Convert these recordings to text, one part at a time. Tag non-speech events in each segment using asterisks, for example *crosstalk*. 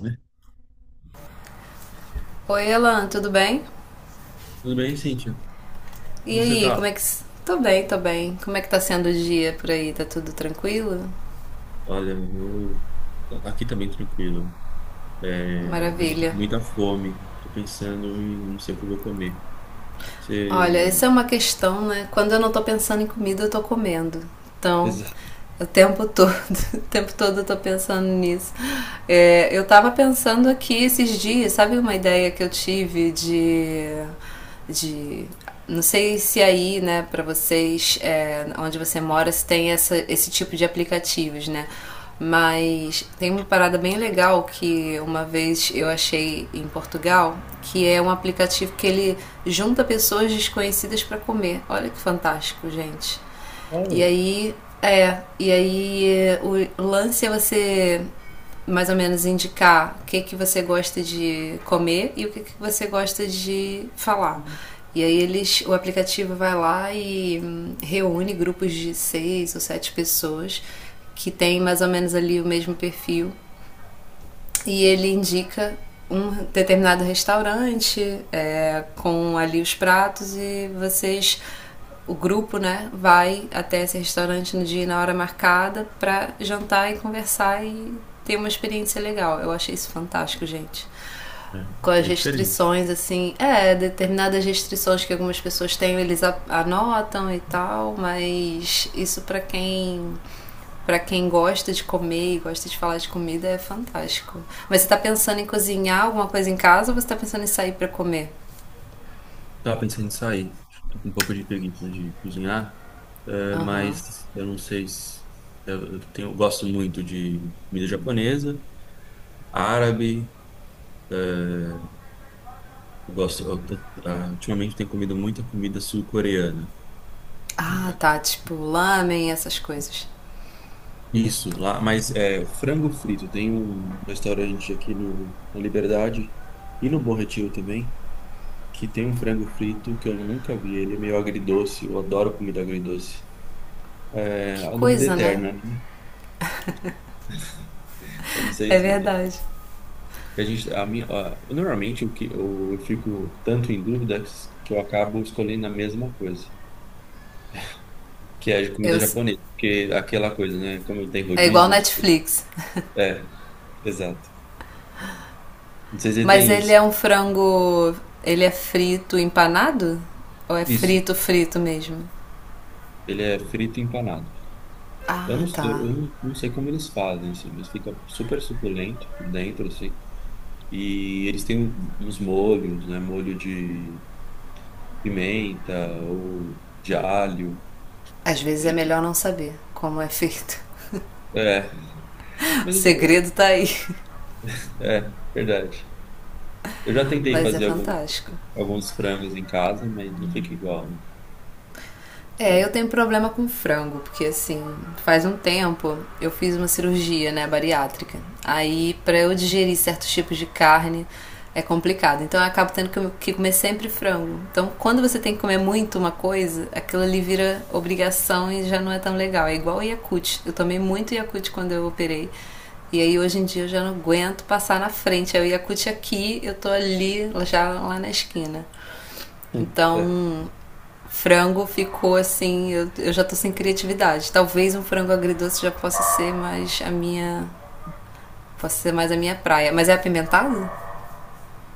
Né? Oi, Elan, tudo bem? Tudo bem, Cíntia? E Como você aí, como é tá? que. Tô bem, tô bem. Como é que tá sendo o dia por aí? Tá tudo tranquilo? Olha, eu aqui também tranquilo. É, mas eu tô Maravilha. com muita fome. Tô pensando em não sei o que eu vou comer. Olha, Você. essa é uma questão, né? Quando eu não tô pensando em comida, eu tô comendo. Então, Exato. o tempo todo, *laughs* o tempo todo eu tô pensando nisso. É, eu tava pensando aqui esses dias, sabe uma ideia que eu tive de não sei se aí, né, pra vocês, é, onde você mora, se tem essa, esse tipo de aplicativos, né? Mas tem uma parada bem legal que uma vez eu achei em Portugal, que é um aplicativo que ele junta pessoas desconhecidas para comer. Olha que fantástico, gente. É, E ué. aí, e aí é, o lance é você mais ou menos indicar o que, que você gosta de comer e o que, que você gosta de falar. E aí eles, o aplicativo vai lá e reúne grupos de seis ou sete pessoas que tem mais ou menos ali o mesmo perfil e ele indica um determinado restaurante é, com ali os pratos e vocês, o grupo, né, vai até esse restaurante no dia e na hora marcada para jantar e conversar e ter uma experiência legal. Eu achei isso fantástico, gente. É, Com as bem diferente. restrições, assim, é, determinadas restrições que algumas pessoas têm, eles anotam e tal, mas isso para quem gosta de comer e gosta de falar de comida, é fantástico. Mas você tá pensando em cozinhar alguma coisa em casa ou você tá pensando em sair para comer? Tava pensando em sair. Tô com um pouco de preguiça de cozinhar, Aham. mas eu não sei se. Eu gosto muito de comida japonesa, árabe. Eu gosto, eu tô- ah, Ultimamente tenho comido muita comida sul-coreana. Ah, tá. Tipo, lamen, essas coisas. Isso, lá, mas é frango frito. Tem um restaurante aqui na Liberdade e no Bom Retiro também, que tem um frango frito que eu nunca vi. Ele é meio agridoce, eu adoro comida agridoce. É Que a dúvida coisa, né? eterna, né? Eu não sei É se verdade. a gente, a minha, a- normalmente o que eu fico tanto em dúvida que eu acabo escolhendo a mesma coisa, que é a comida Eu, japonesa, porque aquela coisa, né? Como tem é igual rodízios, Netflix. é, exato. Não sei se Mas tem ele isso. é um frango. Ele é frito empanado? Ou é Isso, frito, frito mesmo? ele é frito e empanado. Eu Ah, não, tá. eu, eu não não sei como eles fazem, assim, mas fica super suculento por dentro, assim. E eles têm uns molhos, né? Molho de pimenta ou de alho. Às vezes é E- melhor não saber como é feito. é, *laughs* O mas isso- segredo tá aí. É verdade. Eu já tentei Mas é fazer fantástico. alguns frangos em casa, mas não fica igual. É, eu Né? tenho problema com frango, porque assim, faz um tempo eu fiz uma cirurgia, né, bariátrica. Aí, pra eu digerir certos tipos de carne é complicado. Então, eu acabo tendo que comer sempre frango. Então, quando você tem que comer muito uma coisa, aquilo ali vira obrigação e já não é tão legal. É igual o Yakult. Eu tomei muito Yakult quando eu operei. E aí, hoje em dia, eu já não aguento passar na frente. Aí, o Yakult aqui, eu tô ali, já lá na esquina. Sim. É. Então, frango ficou assim, eu já tô sem criatividade. Talvez um frango agridoce já possa ser mais a minha. Possa ser mais a minha praia. Mas é apimentado?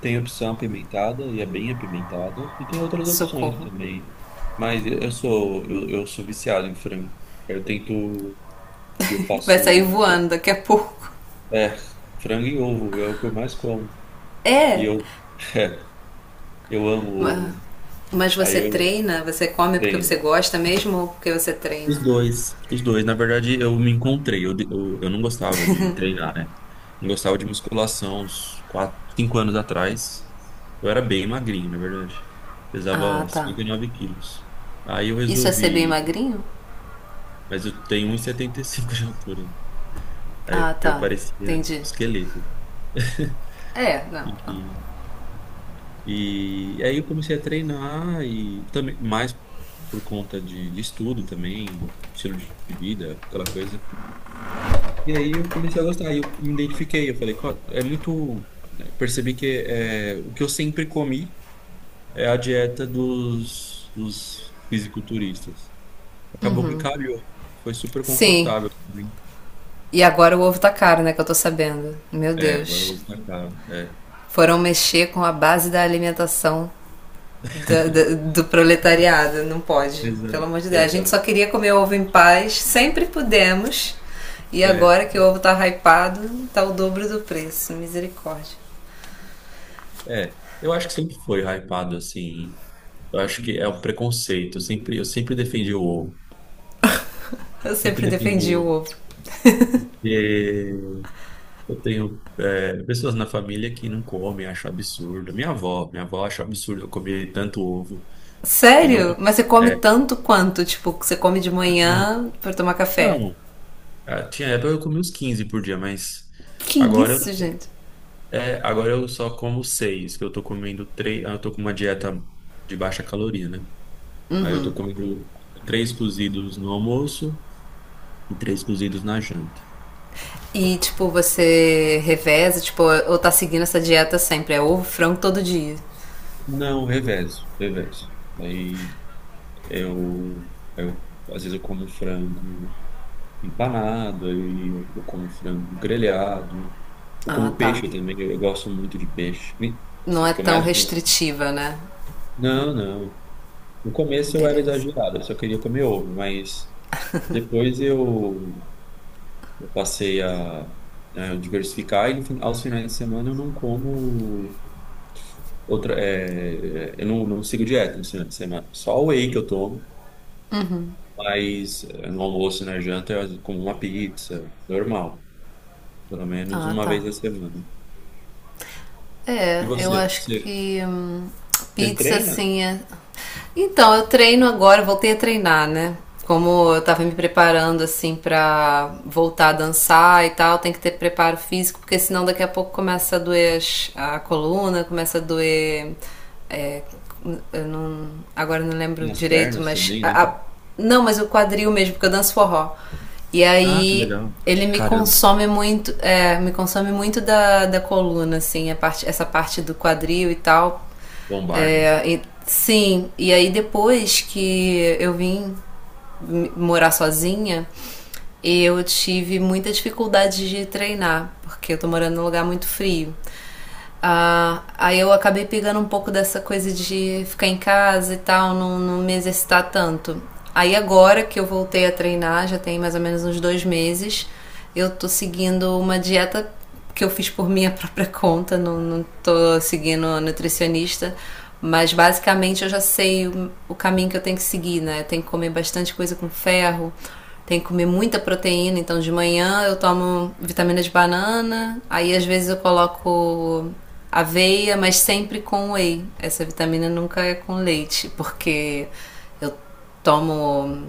Tem opção apimentada e é bem apimentada, e tem outras opções Socorro. também. Mas eu sou viciado em frango. Eu tento, eu Vai sair faço. voando daqui a pouco. É, frango e ovo é o que eu mais como. E É! eu, eu amo ovo. Mas você Aí eu treina? Você come porque você treino. gosta mesmo ou porque você Os treina? dois. Os dois. Na verdade, eu me encontrei. Eu não gostava de treinar, né? Não gostava de musculação uns 4, 5 anos atrás. Eu era bem magrinho, na verdade. Ah, Pesava tá. 59 quilos. Aí eu Isso é ser bem resolvi. magrinho? Mas eu tenho 1,75 de altura. Aí Ah, eu tá. parecia um Entendi. esqueleto. É, não, não. E E aí eu comecei a treinar e também mais por conta de estudo também, estilo de vida, aquela coisa. E aí eu comecei a gostar, e eu me identifiquei, eu falei, "É muito, né?" Percebi que, o que eu sempre comi é a dieta dos fisiculturistas. Acabou que calhou. Foi super Sim. confortável, pra mim. E agora o ovo tá caro, né? Que eu tô sabendo. Meu É, agora eu Deus. vou pra cá. É. Foram mexer com a base da alimentação do proletariado, não pode. Pelo Exato, amor de Deus. A gente só exato. queria comer ovo em paz, sempre pudemos. E É, agora que o ovo tá hypado, tá o dobro do preço. Misericórdia. é. Eu acho que sempre foi hypado assim. Eu acho que é um preconceito. Eu sempre defendi o ovo. Eu Sempre sempre defendi o defendi o ovo. ovo. E eu tenho, pessoas na família que não comem, acham absurdo. Minha avó acha absurdo eu comer tanto ovo e Sério? não. Mas você come É, tanto quanto? Tipo, você come de não, manhã pra tomar café? não. Ah, tinha época que eu comia uns 15 por dia, mas Que isso, agora, gente? agora, eu só como seis, que eu tô comendo 3. Eu tô com uma dieta de baixa caloria, né? Aí eu tô comendo três cozidos no almoço e três cozidos na janta. E, tipo, você reveza, tipo, ou tá seguindo essa dieta sempre? É ovo, frango todo dia. Não, reverso, reverso. Aí eu, eu às vezes eu como frango empanado, aí eu como frango grelhado, eu Ah, como tá. peixe também, eu gosto muito de peixe. Não Assim, o é que eu tão mais gosto. restritiva, né? Não, não. No começo eu era Beleza. exagerado, eu só queria comer ovo, mas depois eu passei a diversificar e no fin- aos finais de semana eu não como outra, eu não sigo dieta no final de semana, só o whey que eu tomo. Mas no almoço e na janta eu como uma pizza, normal. Pelo menos Ah, uma tá. vez a semana. E É, eu você? acho Você, que você pizza treina? assim é. Então, eu treino agora, eu voltei a treinar, né? Como eu tava me preparando assim pra voltar a dançar e tal, tem que ter preparo físico, porque senão daqui a pouco começa a doer a coluna, começa a doer. É, eu não, agora eu não lembro Tem as direito, pernas mas. também, né? Não, mas o quadril mesmo, porque eu danço forró. E Ah, que aí legal. ele me Caramba, consome muito, é, me consome muito da, da coluna, assim, a parte, essa parte do quadril e tal. lombar, né? É, sim, e aí depois que eu vim morar sozinha, eu tive muita dificuldade de treinar, porque eu tô morando num lugar muito frio. Ah, aí eu acabei pegando um pouco dessa coisa de ficar em casa e tal, não me exercitar tanto. Aí agora que eu voltei a treinar, já tem mais ou menos uns dois meses, eu tô seguindo uma dieta que eu fiz por *laughs* minha própria conta, não tô seguindo a nutricionista, mas basicamente eu já sei o caminho que eu tenho que seguir, né? Eu tenho que comer bastante coisa com ferro, tem que comer muita proteína, então de manhã eu tomo vitamina de banana, aí às vezes eu coloco aveia, mas sempre com whey. Essa vitamina nunca é com leite, porque eu tomo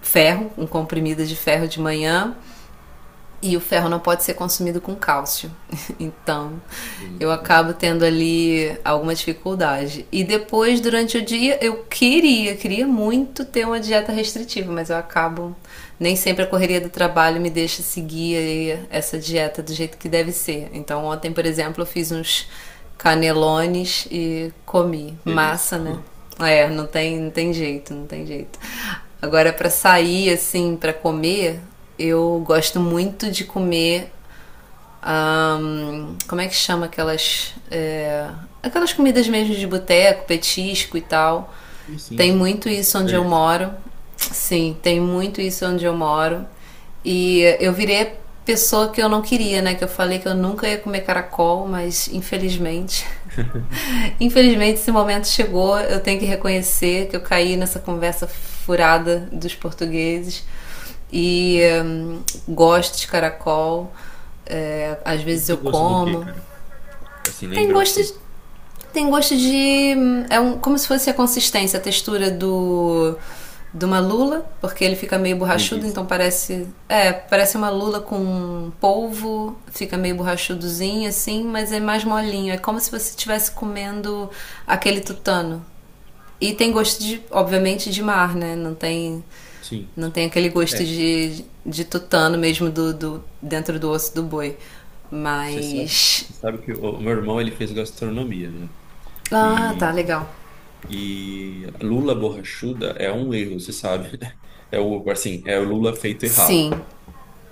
ferro, um comprimido de ferro de manhã, e o ferro não pode ser consumido com cálcio. *laughs* Então, Sim, eu acabo sim. tendo ali alguma dificuldade. E depois, durante o dia, eu queria muito ter uma dieta restritiva, mas eu acabo. Nem sempre a correria do trabalho me deixa seguir essa dieta do jeito que deve ser. Então, ontem, por exemplo, eu fiz uns canelones e comi. Delícia. Massa, né? É, não tem jeito, não tem jeito. Agora, para sair, assim, para comer, eu gosto muito de comer como é que chama aquelas. É, aquelas comidas mesmo de boteco, petisco e tal. E sim, Tem sim. muito Nossa, isso onde eu delícia. moro. Sim, tem muito isso onde eu moro. E eu virei a pessoa que eu não queria, né? Que eu falei que eu nunca ia comer caracol, mas infelizmente *laughs* infelizmente, esse momento chegou. Eu tenho que reconhecer que eu caí nessa conversa furada dos portugueses. E Mas, gosto de caracol. É, às e vezes tem eu gosto do quê, como. cara? Assim, Tem lembra o gosto quê? de É um, como se fosse a consistência, a textura do. De uma lula, porque ele fica meio borrachudo, Delícia. então parece. É, parece uma lula com polvo, fica meio borrachudozinho assim, mas é mais molinho. É como se você estivesse comendo aquele tutano. E tem gosto de, obviamente, de mar, né? Não tem. Sim. Não tem aquele gosto É, de tutano mesmo dentro do osso do boi. você sabe, Mas. você sabe que o meu irmão, ele fez gastronomia, né? Ah, tá, e legal. E lula borrachuda é um erro, você sabe. *laughs* Né? É o, assim, é o Lula feito Sim, errado.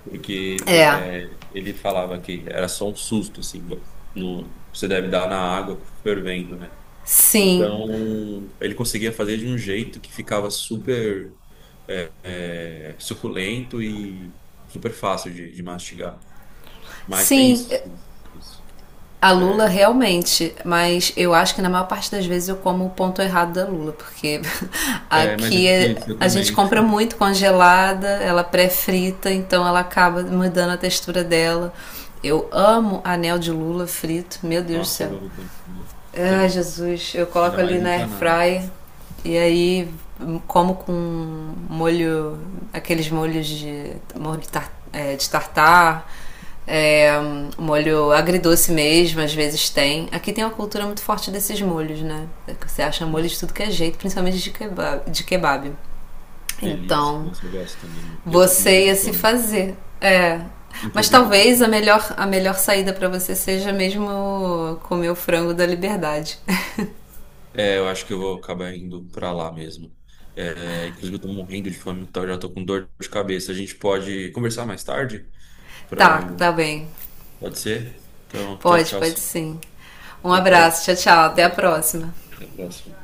Porque é, ele falava que era só um susto, assim, no, você deve dar na água fervendo, né? sim, Então, ele conseguia fazer de um jeito que ficava super é, suculento e super fácil de mastigar. Mas tem sim, isso, sim, isso. a lula realmente, mas eu acho que na maior parte das vezes eu como o ponto errado da lula, porque *laughs* É, mas é aqui difícil, eu a gente também. compra muito congelada, ela pré-frita, então ela acaba mudando a textura dela. Eu amo anel de lula frito, meu Deus do Nossa, céu. eu amo também. Ai, Também. Jesus, eu coloco Ainda ali mais na empanado. airfryer e aí como com molho, aqueles molhos de molho de, tar, é, de tartar, é, molho agridoce mesmo, às vezes tem. Aqui tem uma cultura muito forte desses molhos, né? Você acha molho de tudo que é jeito, principalmente de kebab. De kebab. Delícia. Então, Nossa, eu gosto também, muito. E eu tô com você morrendo ia de se fome. fazer. É, mas Inclusive, eu tô talvez com. A melhor saída para você seja mesmo comer o frango da liberdade. É, eu acho que eu vou acabar indo pra lá mesmo. É, inclusive, eu tô morrendo de fome, então eu já tô com dor de cabeça. A gente pode conversar mais tarde? Pra Tá, eu- tá bem. Pode ser? Então, tchau, Pode, tchau, pode sim. sim. Um Foi um prazer. abraço, tchau, tchau. Até a Até próxima. a próxima.